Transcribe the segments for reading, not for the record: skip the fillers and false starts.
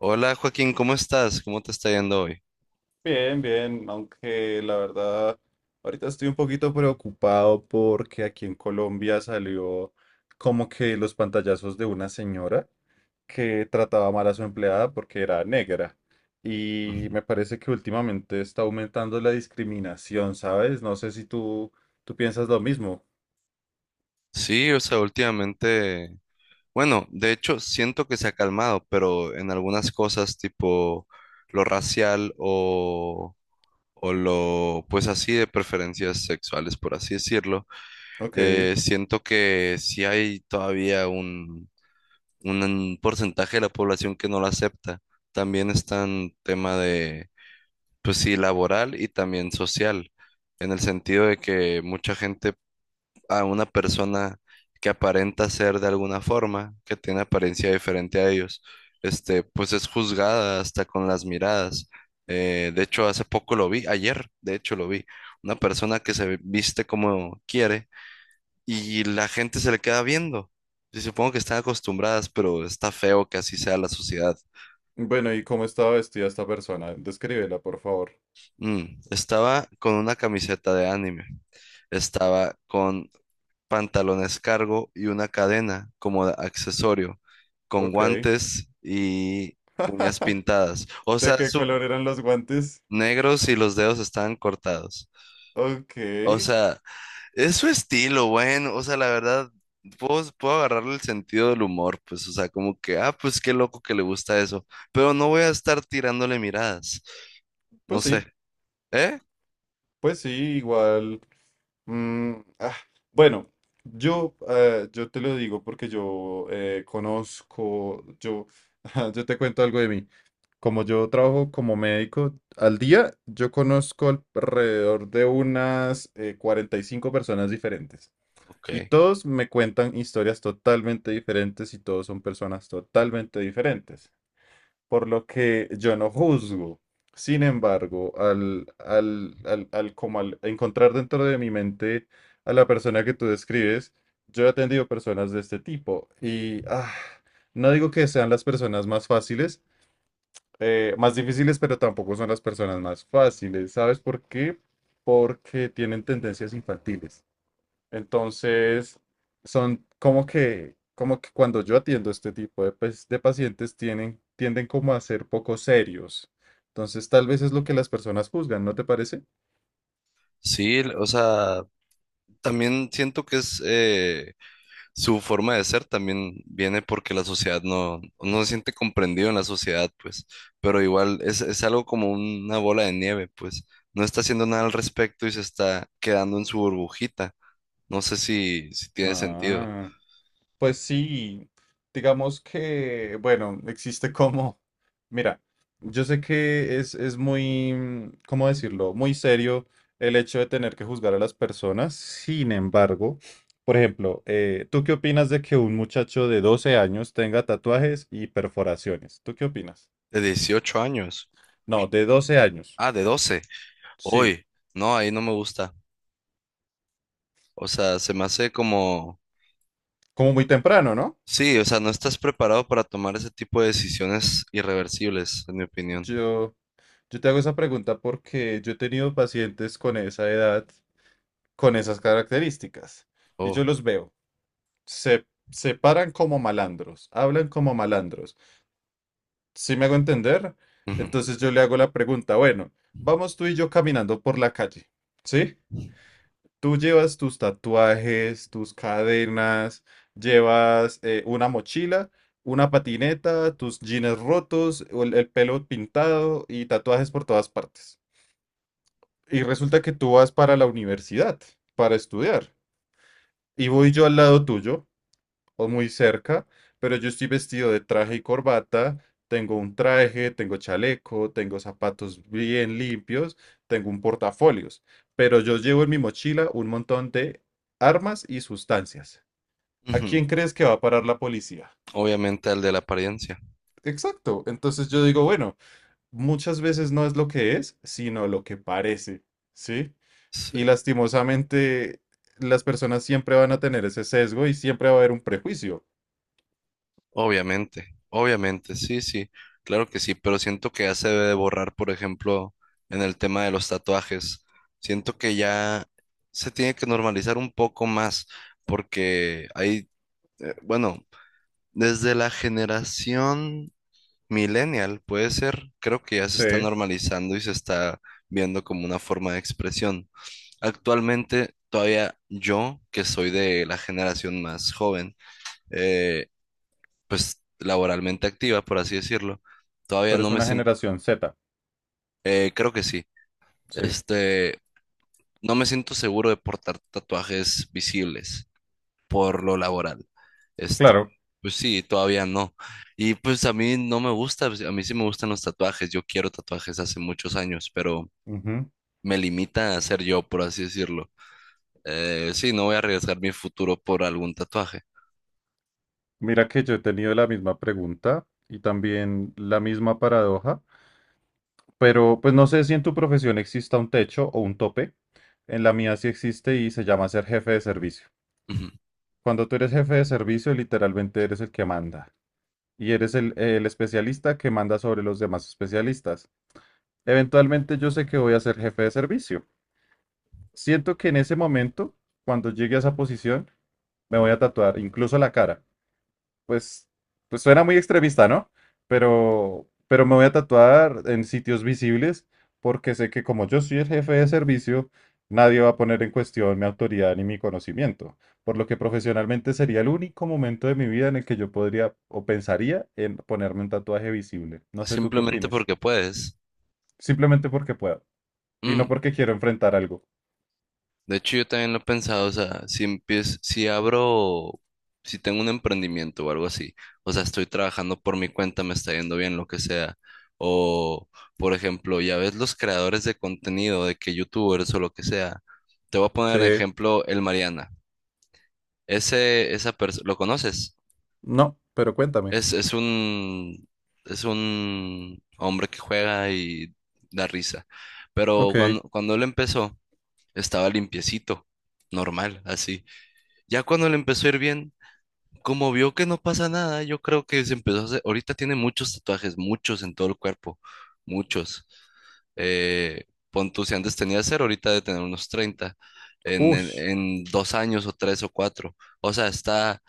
Hola Joaquín, ¿cómo estás? ¿Cómo te está yendo hoy? Bien, bien, aunque la verdad ahorita estoy un poquito preocupado porque aquí en Colombia salió como que los pantallazos de una señora que trataba mal a su empleada porque era negra. Y Ujú. me parece que últimamente está aumentando la discriminación, ¿sabes? No sé si tú, tú piensas lo mismo. Sí, o sea, últimamente, bueno, de hecho siento que se ha calmado, pero en algunas cosas tipo lo racial o lo, pues así de preferencias sexuales, por así decirlo, Ok. Siento que sí hay todavía un porcentaje de la población que no lo acepta. También está en tema de, pues sí, laboral y también social en el sentido de que mucha gente a una persona que aparenta ser de alguna forma, que tiene apariencia diferente a ellos, pues es juzgada hasta con las miradas. De hecho, hace poco lo vi, ayer, de hecho lo vi, una persona que se viste como quiere y la gente se le queda viendo. Y supongo que están acostumbradas, pero está feo que así sea la sociedad. Bueno, ¿y cómo estaba vestida esta persona? Descríbela, por favor. Estaba con una camiseta de anime, estaba con pantalones cargo y una cadena como accesorio, con Ok. guantes y uñas pintadas. O ¿De sea, qué su color eran los guantes? negros y los dedos estaban cortados. Ok. O sea, es su estilo, bueno, o sea, la verdad, puedo agarrarle el sentido del humor, pues, o sea, como que, ah, pues qué loco que le gusta eso, pero no voy a estar tirándole miradas, no Pues sé, sí. ¿eh? Pues sí, igual. mm, ah, bueno, yo, yo te lo digo porque yo conozco, yo, yo te cuento algo de mí. Como yo trabajo como médico al día, yo conozco alrededor de unas 45 personas diferentes. Ok. Y todos me cuentan historias totalmente diferentes y todos son personas totalmente diferentes por lo que yo no juzgo. Sin embargo, como al encontrar dentro de mi mente a la persona que tú describes, yo he atendido personas de este tipo y no digo que sean las personas más fáciles, más difíciles, pero tampoco son las personas más fáciles. ¿Sabes por qué? Porque tienen tendencias infantiles. Entonces, son como que cuando yo atiendo este tipo de, pues, de pacientes tienen, tienden como a ser poco serios. Entonces, tal vez es lo que las personas juzgan, ¿no te parece? Sí, o sea, también siento que es su forma de ser también viene porque la sociedad no se siente comprendido en la sociedad, pues, pero igual es algo como una bola de nieve, pues, no está haciendo nada al respecto y se está quedando en su burbujita. No sé si tiene sentido. Ah. Pues sí, digamos que, bueno, existe como, mira, yo sé que es muy, ¿cómo decirlo? Muy serio el hecho de tener que juzgar a las personas. Sin embargo, por ejemplo, ¿tú qué opinas de que un muchacho de 12 años tenga tatuajes y perforaciones? ¿Tú qué opinas? De 18 años. No, de 12 años. Ah, de 12. Sí, Hoy. No, ahí no me gusta. O sea, se me hace como... como muy temprano, ¿no? Sí, o sea, no estás preparado para tomar ese tipo de decisiones irreversibles, en mi opinión. Yo, yo te hago esa pregunta porque yo he tenido pacientes con esa edad con esas características. Y Oh. yo los veo. Se paran como malandros, hablan como malandros. ¿Sí me hago entender? Ujú. Entonces yo le hago la pregunta, bueno, vamos tú y yo caminando por la calle, ¿sí? Tú llevas tus tatuajes, tus cadenas, llevas una mochila, una patineta, tus jeans rotos, o el pelo pintado y tatuajes por todas partes. Y resulta que tú vas para la universidad, para estudiar. Y voy yo al lado tuyo o muy cerca, pero yo estoy vestido de traje y corbata, tengo un traje, tengo chaleco, tengo zapatos bien limpios, tengo un portafolios, pero yo llevo en mi mochila un montón de armas y sustancias. ¿A Ujú. quién crees que va a parar la policía? Obviamente al de la apariencia. Exacto, entonces yo digo, bueno, muchas veces no es lo que es, sino lo que parece, ¿sí? Sí. Y lastimosamente las personas siempre van a tener ese sesgo y siempre va a haber un prejuicio. Obviamente, obviamente, sí, sí, claro que sí, pero siento que ya se debe de borrar, por ejemplo, en el tema de los tatuajes. Siento que ya se tiene que normalizar un poco más, porque hay, bueno, desde la generación millennial, puede ser, creo que ya se Sí, está normalizando y se está viendo como una forma de expresión. Actualmente, todavía yo, que soy de la generación más joven, eh, pues laboralmente activa, por así decirlo. tú Todavía no eres me una siento, generación Z. Creo que sí, Sí, este, no me siento seguro de portar tatuajes visibles por lo laboral. Este, claro. pues sí, todavía no. Y pues a mí no me gusta, pues, a mí sí me gustan los tatuajes, yo quiero tatuajes hace muchos años, pero Ujú. me limita a ser yo, por así decirlo. Sí, no voy a arriesgar mi futuro por algún tatuaje. Mira que yo he tenido la misma pregunta y también la misma paradoja, pero pues no sé si en tu profesión exista un techo o un tope. En la mía sí existe y se llama ser jefe de servicio. Ujú. Cuando tú eres jefe de servicio, literalmente eres el que manda. Y eres el especialista que manda sobre los demás especialistas. Eventualmente yo sé que voy a ser jefe de servicio. Siento que en ese momento, cuando llegue a esa posición, me voy a tatuar incluso la cara pues, pues suena muy extremista, ¿no? Pero me voy a tatuar en sitios visibles porque sé que como yo soy el jefe de servicio, nadie va a poner en cuestión mi autoridad ni mi conocimiento, por lo que profesionalmente sería el único momento de mi vida en el que yo podría o pensaría en ponerme un tatuaje visible. No sé tú qué Simplemente opines. porque puedes. Simplemente porque puedo y no Mm. porque quiero enfrentar algo. De hecho, yo también lo he pensado, o sea, si empiezo, si abro, si tengo un emprendimiento o algo así, o sea, estoy trabajando por mi cuenta, me está yendo bien, lo que sea. O, por ejemplo, ya ves los creadores de contenido, de que youtubers o lo que sea. Te voy a Sí, poner ejemplo el Mariana. Ese, esa persona, ¿lo conoces? no, pero cuéntame. Es, es un, es un hombre que juega y da risa. Pero Ok, cuando él empezó, estaba limpiecito, normal, así. Ya cuando le empezó a ir bien, como vio que no pasa nada, yo creo que se empezó a hacer. Ahorita tiene muchos tatuajes, muchos en todo el cuerpo, muchos. Eh, Pon tú, si antes tenía 0, ahorita de tener unos 30 en, en, ush, en 2 años o 3 o 4. O sea,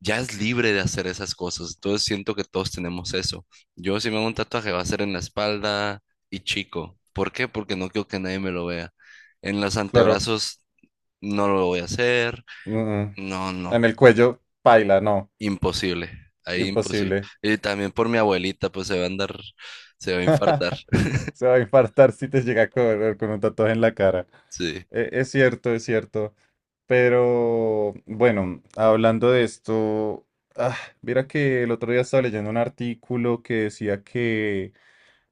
ya es libre de hacer esas cosas. Entonces siento que todos tenemos eso. Yo si me hago un tatuaje va a ser en la espalda y chico. ¿Por qué? Porque no quiero que nadie me lo vea. En los claro. antebrazos no lo voy a hacer. Mm. No, no. En el cuello, paila, no. Imposible, ahí imposible. Imposible. Y también por mi abuelita, pues se va a andar, se va a infartar. Se va a infartar si te llega a correr con un tatuaje en la cara. Sí. E- es cierto, es cierto. Pero bueno, hablando de esto, ah, mira que el otro día estaba leyendo un artículo que decía que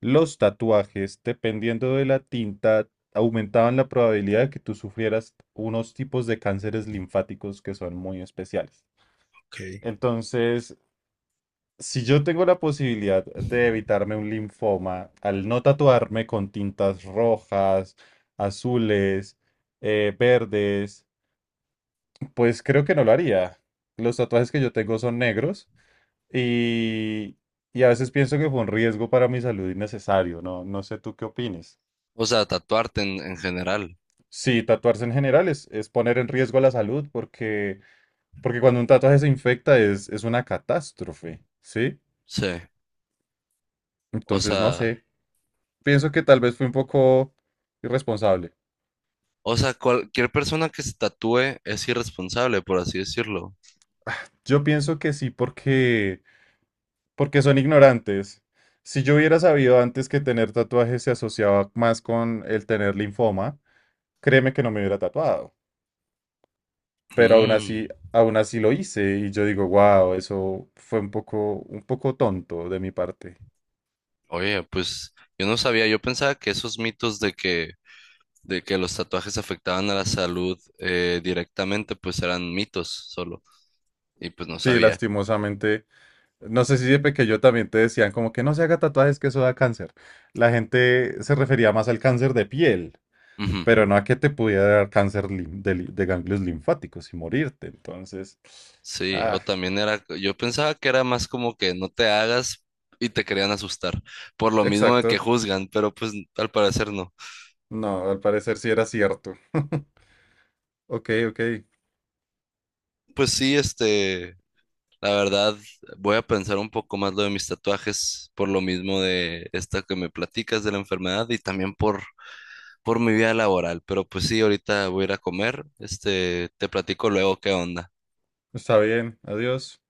los tatuajes, dependiendo de la tinta, aumentaban la probabilidad de que tú sufrieras unos tipos de cánceres linfáticos que son muy especiales. Ok. Entonces, si yo tengo la posibilidad de evitarme un linfoma al no tatuarme con tintas rojas, azules, verdes, pues creo que no lo haría. Los tatuajes que yo tengo son negros y, y a veces pienso que fue un riesgo para mi salud innecesario, ¿no? No sé tú qué opines. O sea, tatuarte en general. Sí, tatuarse en general es poner en riesgo la salud porque, porque cuando un tatuaje se infecta es una catástrofe, ¿sí? Sí. O Entonces, no sea, sé. Pienso que tal vez fue un poco irresponsable. o sea, cualquier persona que se tatúe es irresponsable, por así decirlo. Yo pienso que sí, porque, porque son ignorantes. Si yo hubiera sabido antes que tener tatuajes se asociaba más con el tener linfoma, créeme que no me hubiera tatuado. Pero Mm. Aún así lo hice y yo digo, wow, eso fue un poco tonto de mi parte. Oye, pues yo no sabía, yo pensaba que esos mitos de que los tatuajes afectaban a la salud directamente, pues eran mitos solo. Y pues no Sí, sabía. lastimosamente. No sé si de pequeño también te decían como que no se haga tatuajes que eso da cáncer. La gente se refería más al cáncer de piel. Ujú. Pero no a que te pudiera dar cáncer de ganglios linfáticos y morirte. Entonces, Sí, ah, o también era, yo pensaba que era más como que no te hagas y te querían asustar, por lo mismo de que exacto. juzgan, pero pues al parecer no. No, al parecer sí era cierto. Ok, ok. Pues sí, la verdad, voy a pensar un poco más lo de mis tatuajes, por lo mismo de esta que me platicas de la enfermedad y también por mi vida laboral, pero pues sí, ahorita voy a ir a comer, te platico luego qué onda. Está bien. Adiós.